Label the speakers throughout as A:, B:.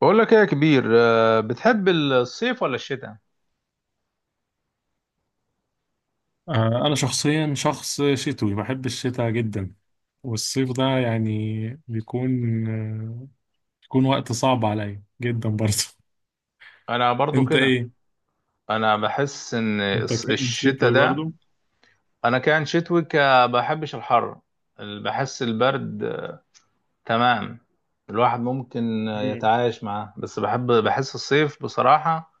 A: بقول لك ايه يا كبير، بتحب الصيف ولا الشتاء؟
B: أنا شخصيا شخص شتوي بحب الشتاء جدا، والصيف ده يعني بيكون آه، بيكون وقت صعب عليا جدا برضه.
A: انا برضو
B: أنت
A: كده.
B: إيه؟
A: انا بحس ان
B: أنت كائن
A: الشتاء
B: شتوي
A: ده.
B: برضه؟
A: انا كان شتوي بحبش الحر. بحس البرد، تمام. الواحد ممكن
B: مم.
A: يتعايش معاه، بس بحس الصيف بصراحة.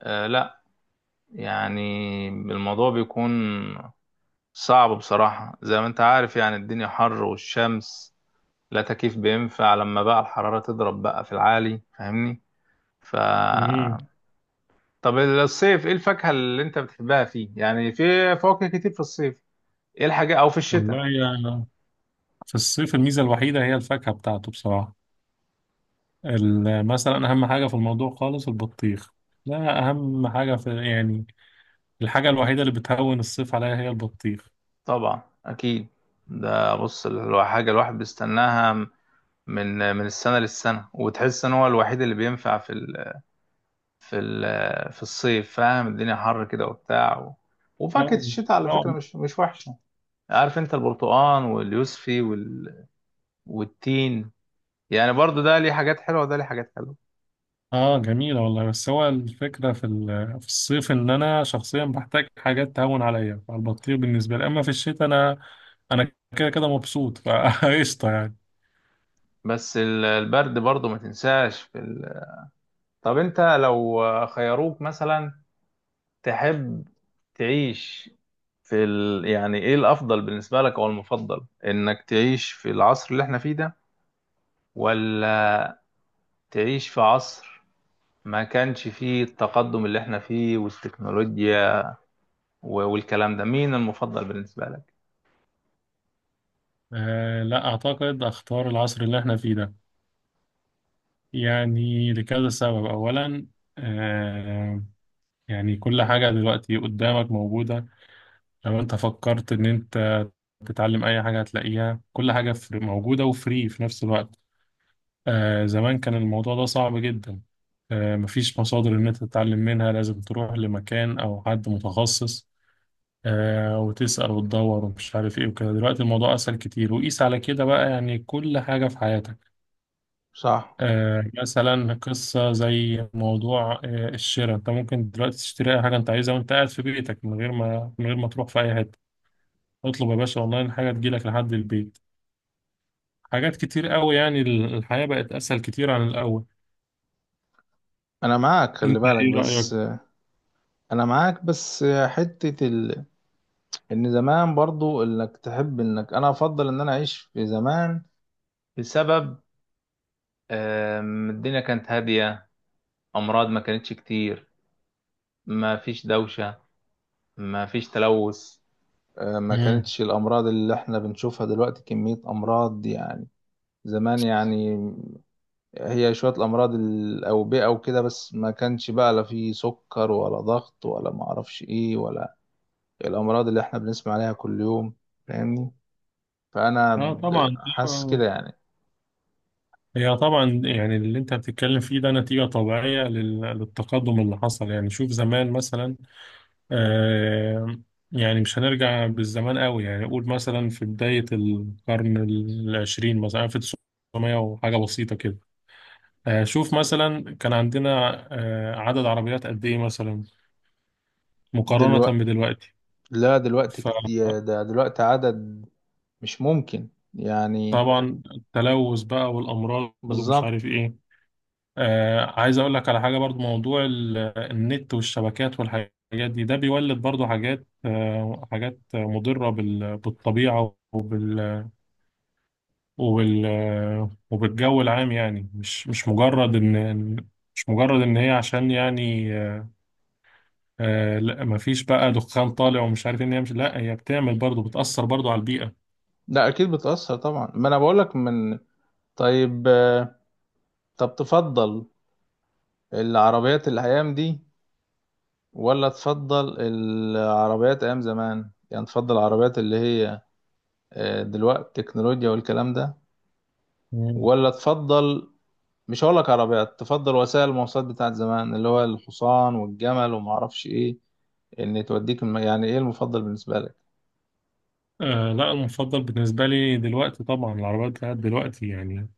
A: لا يعني الموضوع بيكون صعب بصراحة، زي ما انت عارف يعني الدنيا حر والشمس، لا تكييف بينفع لما بقى الحرارة تضرب بقى في العالي، فاهمني؟ ف
B: مم.
A: طب الصيف، ايه الفاكهة اللي انت بتحبها فيه؟ يعني في فواكه كتير في الصيف. ايه الحاجة او في
B: والله
A: الشتاء؟
B: يعني في الصيف الميزة الوحيدة هي الفاكهة بتاعته بصراحة. مثلا أهم حاجة في الموضوع خالص البطيخ. لا، أهم حاجة في يعني الحاجة الوحيدة اللي بتهون الصيف عليا هي البطيخ.
A: طبعا اكيد. ده بص، حاجة الواحد بيستناها من السنة للسنة، وتحس ان هو الوحيد اللي بينفع في الصيف. فاهم؟ الدنيا حر كده وبتاع و... وفاكهة الشتاء على
B: آه.
A: فكرة مش وحشة. عارف انت، البرتقال واليوسفي وال... والتين، يعني برضو ده ليه حاجات حلوة وده ليه حاجات حلوة.
B: اه، جميلة والله، بس هو الفكرة في الصيف ان انا شخصيا بحتاج حاجات تهون عليا، فالبطيخ بالنسبة لي، اما في الشتاء انا كده كده مبسوط فقشطة يعني.
A: بس البرد برضو ما تنساش في ال... طب انت لو خيروك مثلا، تحب تعيش في ال... يعني ايه الافضل بالنسبه لك او المفضل، انك تعيش في العصر اللي احنا فيه ده، ولا تعيش في عصر ما كانش فيه التقدم اللي احنا فيه والتكنولوجيا والكلام ده؟ مين المفضل بالنسبه لك؟
B: لا، اعتقد اختار العصر اللي احنا فيه ده، يعني لكذا سبب. اولا، آه يعني كل حاجة دلوقتي قدامك موجودة. لو انت فكرت ان انت تتعلم اي حاجة هتلاقيها، كل حاجة موجودة وفري في نفس الوقت. زمان كان الموضوع ده صعب جدا. مفيش مصادر إن أنت تتعلم منها، لازم تروح لمكان أو حد متخصص وتسأل وتدور ومش عارف إيه وكده. دلوقتي الموضوع أسهل كتير، وقيس على كده بقى، يعني كل حاجة في حياتك.
A: صح.
B: مثلا قصة زي موضوع الشراء، أنت ممكن دلوقتي تشتري أي حاجة أنت عايزها وأنت قاعد في بيتك، من غير ما تروح في أي حتة. اطلب يا باشا أونلاين حاجة تجيلك لحد البيت. حاجات كتير قوي، يعني الحياة بقت أسهل كتير عن الأول.
A: انا معاك، خلي
B: أنت
A: بالك
B: إيه رأيك؟
A: بس. انا معاك بس حتة ال... ان زمان، برضو انك تحب انك، انا افضل ان انا اعيش في زمان بسبب، الدنيا كانت هادية، أمراض ما كانتش كتير، ما فيش دوشة، ما فيش تلوث. ما
B: مم.
A: كانتش الأمراض اللي احنا بنشوفها دلوقتي كمية أمراض يعني. زمان يعني هي شوية الأمراض الأوبئة وكده، بس ما كانش بقى لا في سكر ولا ضغط ولا معرفش إيه، ولا الأمراض اللي احنا بنسمع عليها كل يوم. فاهمني؟ فأنا
B: اه طبعا.
A: حاسس كده يعني.
B: هي طبعا يعني اللي انت بتتكلم فيه ده نتيجة طبيعية للتقدم اللي حصل. يعني شوف زمان مثلا، آه يعني مش هنرجع بالزمان قوي، يعني قول مثلا في بداية القرن العشرين، مثلا 1900 وحاجة بسيطة كده. شوف مثلا كان عندنا عدد عربيات قد ايه مثلا
A: دلوقتي،
B: مقارنة بدلوقتي؟
A: لا دلوقتي كتير،
B: فطبعا
A: ده دلوقتي عدد مش ممكن يعني.
B: التلوث بقى والأمراض ومش
A: بالظبط.
B: عارف ايه. عايز اقول لك على حاجه برضو، موضوع النت والشبكات والحاجات دي، ده بيولد برضو حاجات، حاجات مضره بالطبيعه وبال وبالجو العام، يعني مش مجرد ان إن- مش مجرد ان هي عشان يعني، لا، مفيش بقى دخان طالع ومش عارف إيه، ان هي مش، لا، هي بتعمل برضو، بتاثر برضو على البيئه.
A: لا اكيد بتأثر طبعا، ما انا بقولك من. طيب، طب تفضل العربيات الايام دي ولا تفضل العربيات ايام زمان؟ يعني تفضل العربيات اللي هي، دلوقتي تكنولوجيا والكلام ده،
B: مم.
A: ولا تفضل، مش هقولك عربيات، تفضل وسائل المواصلات بتاعت زمان، اللي هو الحصان والجمل وما اعرفش ايه، ان توديك يعني ايه المفضل بالنسبة لك؟
B: لا، المفضل بالنسبه لي دلوقتي طبعا العربيات بتاعت دلوقتي يعني،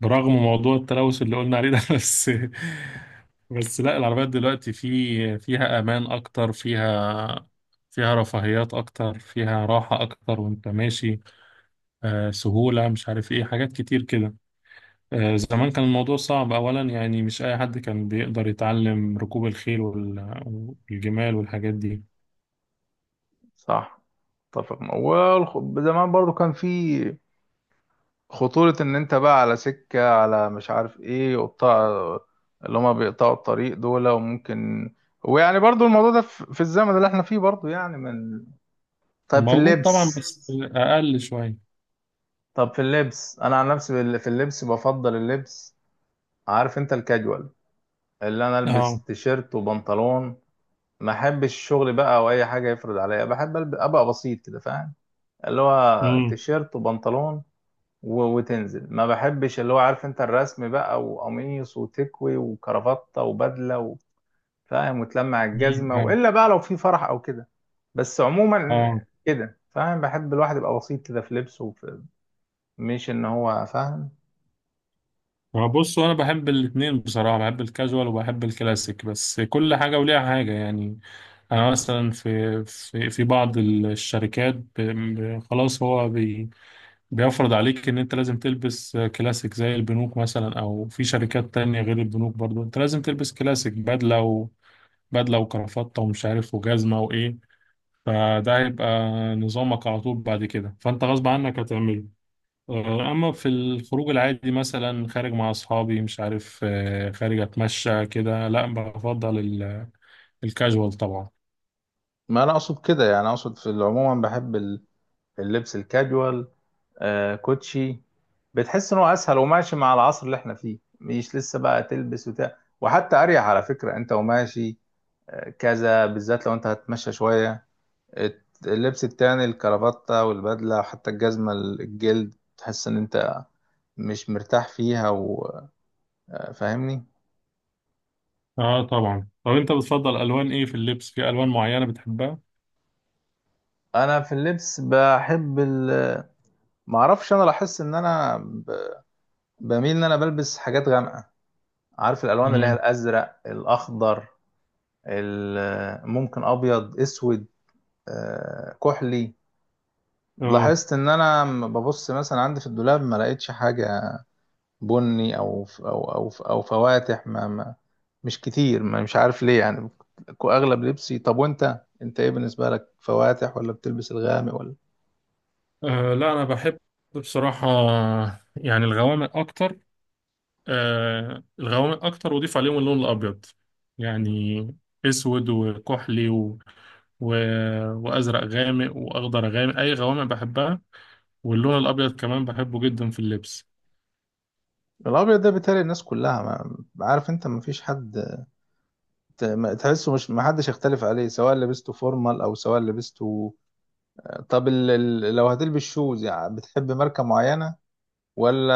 B: برغم موضوع التلوث اللي قلنا عليه ده بس لا، العربيات دلوقتي فيها امان اكتر، فيها فيها رفاهيات اكتر، فيها راحة اكتر وانت ماشي، سهولة، مش عارف ايه، حاجات كتير كده. زمان كان الموضوع صعب اولا، يعني مش اي حد كان بيقدر يتعلم ركوب الخيل والجمال والحاجات دي.
A: صح، اتفق معاك. زمان برضو كان في خطورة، ان انت بقى على سكة، على مش عارف ايه، وقطاع اللي هما بيقطعوا الطريق دول، وممكن، ويعني برضو الموضوع ده في الزمن اللي احنا فيه برضو يعني من.
B: كان
A: طيب، في
B: موجود طبعا
A: اللبس،
B: بس اقل شوية.
A: طب في اللبس انا عن نفسي في اللبس، بفضل اللبس، عارف انت، الكاجوال، اللي انا البس
B: اه.
A: تيشيرت وبنطلون. ما احبش الشغل بقى او اي حاجه يفرض عليا، بحب ابقى بسيط كده، فاهم؟ اللي هو
B: امم.
A: تيشيرت وبنطلون وتنزل. ما بحبش اللي هو، عارف انت، الرسم بقى وقميص وتكوي وكرافتة وبدلة فاهم، وتلمع الجزمة،
B: أيوة.
A: والا بقى لو في فرح او كده. بس عموما
B: اه،
A: كده فاهم، بحب الواحد يبقى بسيط كده في لبسه وفي، مش ان هو فاهم.
B: ما بص، انا بحب الاتنين بصراحه، بحب الكاجوال وبحب الكلاسيك، بس كل حاجه وليها حاجه يعني. انا مثلا في بعض الشركات، خلاص هو بيفرض عليك ان انت لازم تلبس كلاسيك زي البنوك مثلا، او في شركات تانية غير البنوك برضو انت لازم تلبس كلاسيك، بدله وبدله وكرافطه ومش عارف وجزمه وايه. فده هيبقى نظامك على طول بعد كده، فانت غصب عنك هتعمله. اما في الخروج العادي مثلا خارج مع اصحابي، مش عارف، خارج اتمشى كده، لا، بفضل الكاجوال طبعا.
A: ما انا اقصد كده يعني، اقصد في العموم بحب اللبس الكاجوال، آه، كوتشي. بتحس ان هو اسهل وماشي مع العصر اللي احنا فيه، مش لسه بقى تلبس وتاع، وحتى اريح على فكرة انت وماشي، كذا، بالذات لو انت هتمشى شوية. اللبس التاني، الكرافتة والبدلة وحتى الجزمة الجلد، تحس ان انت مش مرتاح فيها، وفاهمني.
B: اه طبعا. طب انت بتفضل الوان ايه في اللبس؟ في الوان معينة بتحبها؟
A: انا في اللبس بحب ال... معرفش، انا لاحظت ان انا ب... بميل ان انا بلبس حاجات غامقة. عارف الالوان اللي هي
B: امم.
A: الازرق، الاخضر، ال... ممكن ابيض، اسود، كحلي.
B: اه.
A: لاحظت ان انا ببص مثلا عندي في الدولاب ما لقيتش حاجة بني او فواتح، ما مش كتير، ما مش عارف ليه يعني، اغلب لبسي. طب وانت، انت ايه بالنسبه لك، فواتح ولا بتلبس الغامق ولا؟
B: لا، انا بحب بصراحة يعني الغوامق اكتر. الغوامق اكتر واضيف عليهم اللون الابيض، يعني اسود وكحلي و... وازرق غامق واخضر غامق، اي غوامق بحبها. واللون الأبيض كمان بحبه جدا في اللبس.
A: الابيض ده بيتهيألي الناس كلها، ما عارف انت، ما فيش حد تحسه، مش، ما حدش يختلف عليه، سواء لبسته فورمال او سواء لبسته. طب لو هتلبس شوز، يعني بتحب ماركه معينه، ولا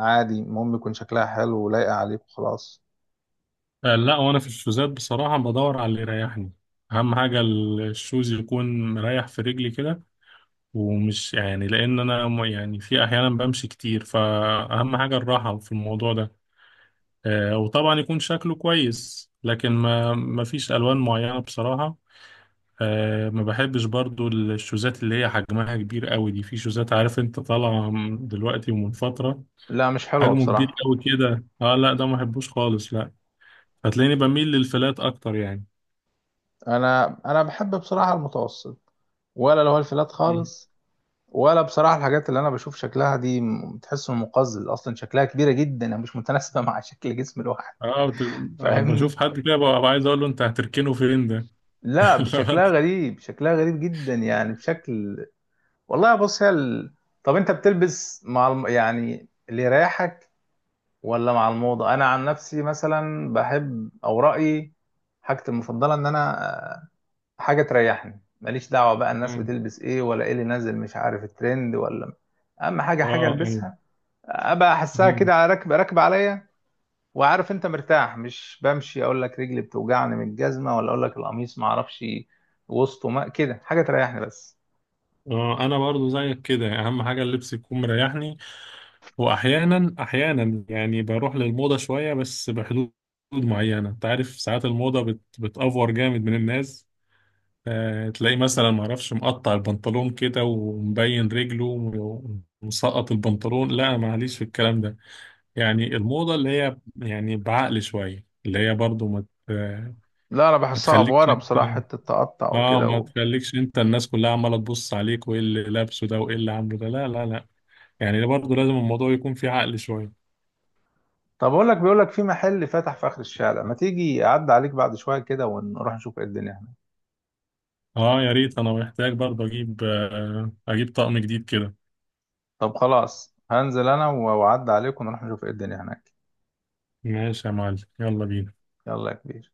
A: عادي المهم يكون شكلها حلو ولايقه عليك وخلاص؟
B: لا، وأنا في الشوزات بصراحة بدور على اللي يريحني. أهم حاجة الشوز يكون مريح في رجلي كده، ومش يعني لأن أنا يعني في أحيانا بمشي كتير، فأهم حاجة الراحة في الموضوع ده. وطبعا يكون شكله كويس، لكن ما فيش ألوان معينة بصراحة. ما بحبش برضو الشوزات اللي هي حجمها كبير قوي دي، في شوزات عارف انت طالعة دلوقتي من فترة،
A: لا مش حلوه
B: حجمه كبير
A: بصراحه.
B: قوي كده. اه لا، ده ما بحبوش خالص، لا. هتلاقيني بميل للفلات اكتر يعني.
A: انا بحب بصراحه المتوسط، ولا لو الفلات
B: مم.
A: خالص ولا. بصراحة الحاجات اللي أنا بشوف شكلها دي، بتحس إنه مقزز أصلا، شكلها كبيرة جدا مش متناسبة مع شكل جسم الواحد.
B: اه بشوف
A: فاهمني؟
B: حد كده ببقى عايز اقول له انت هتركنه فين ده.
A: لا
B: لو
A: شكلها
B: أنت-
A: غريب، شكلها غريب جدا يعني، بشكل. والله بص، هي ال... طب أنت بتلبس مع يعني اللي يريحك، ولا مع الموضة؟ أنا عن نفسي مثلا بحب، أو رأيي، حاجتي المفضلة، إن أنا، آه، حاجة تريحني، ماليش دعوة بقى الناس
B: اه.
A: بتلبس إيه ولا إيه اللي نازل، مش عارف الترند ولا. اهم حاجه، حاجه
B: اه. أيوة.
A: البسها، ابقى احسها
B: مم.
A: كده على، راكب راكب عليا. وعارف انت مرتاح، مش بمشي اقول لك رجلي بتوجعني من الجزمه، ولا اقول لك القميص ما اعرفش وسطه، ما كده، حاجه تريحني بس.
B: اه انا برضو زيك كده، اهم حاجه اللبس يكون مريحني. واحيانا احيانا يعني بروح للموضه شويه، بس بحدود معينه، انت عارف ساعات الموضه بتأفور جامد من الناس. تلاقيه مثلا ما اعرفش مقطع البنطلون كده ومبين رجله، ومسقط البنطلون، لا معليش في الكلام ده، يعني الموضة اللي هي يعني بعقل شوية، اللي هي برضو ت-
A: لا انا
B: ما
A: بحسها
B: تخليكش
A: افوره
B: انت.
A: بصراحه، حته تقطع
B: اه،
A: وكده
B: ما
A: و...
B: تخليكش انت الناس كلها عمالة تبص عليك وايه اللي لابسه ده وايه اللي عامله ده، لا لا لا، يعني ده برضو لازم الموضوع يكون فيه عقل شوية.
A: طب اقول لك، بيقول لك في محل فتح في اخر الشارع، ما تيجي اعدي عليك بعد شويه كده ونروح نشوف ايه الدنيا هناك.
B: اه يا ريت، انا محتاج برضو اجيب طقم جديد كده.
A: طب خلاص هنزل انا، واعدي عليك ونروح نشوف ايه الدنيا هناك.
B: ماشي يا معلم، يلا بينا.
A: يلا يا كبير.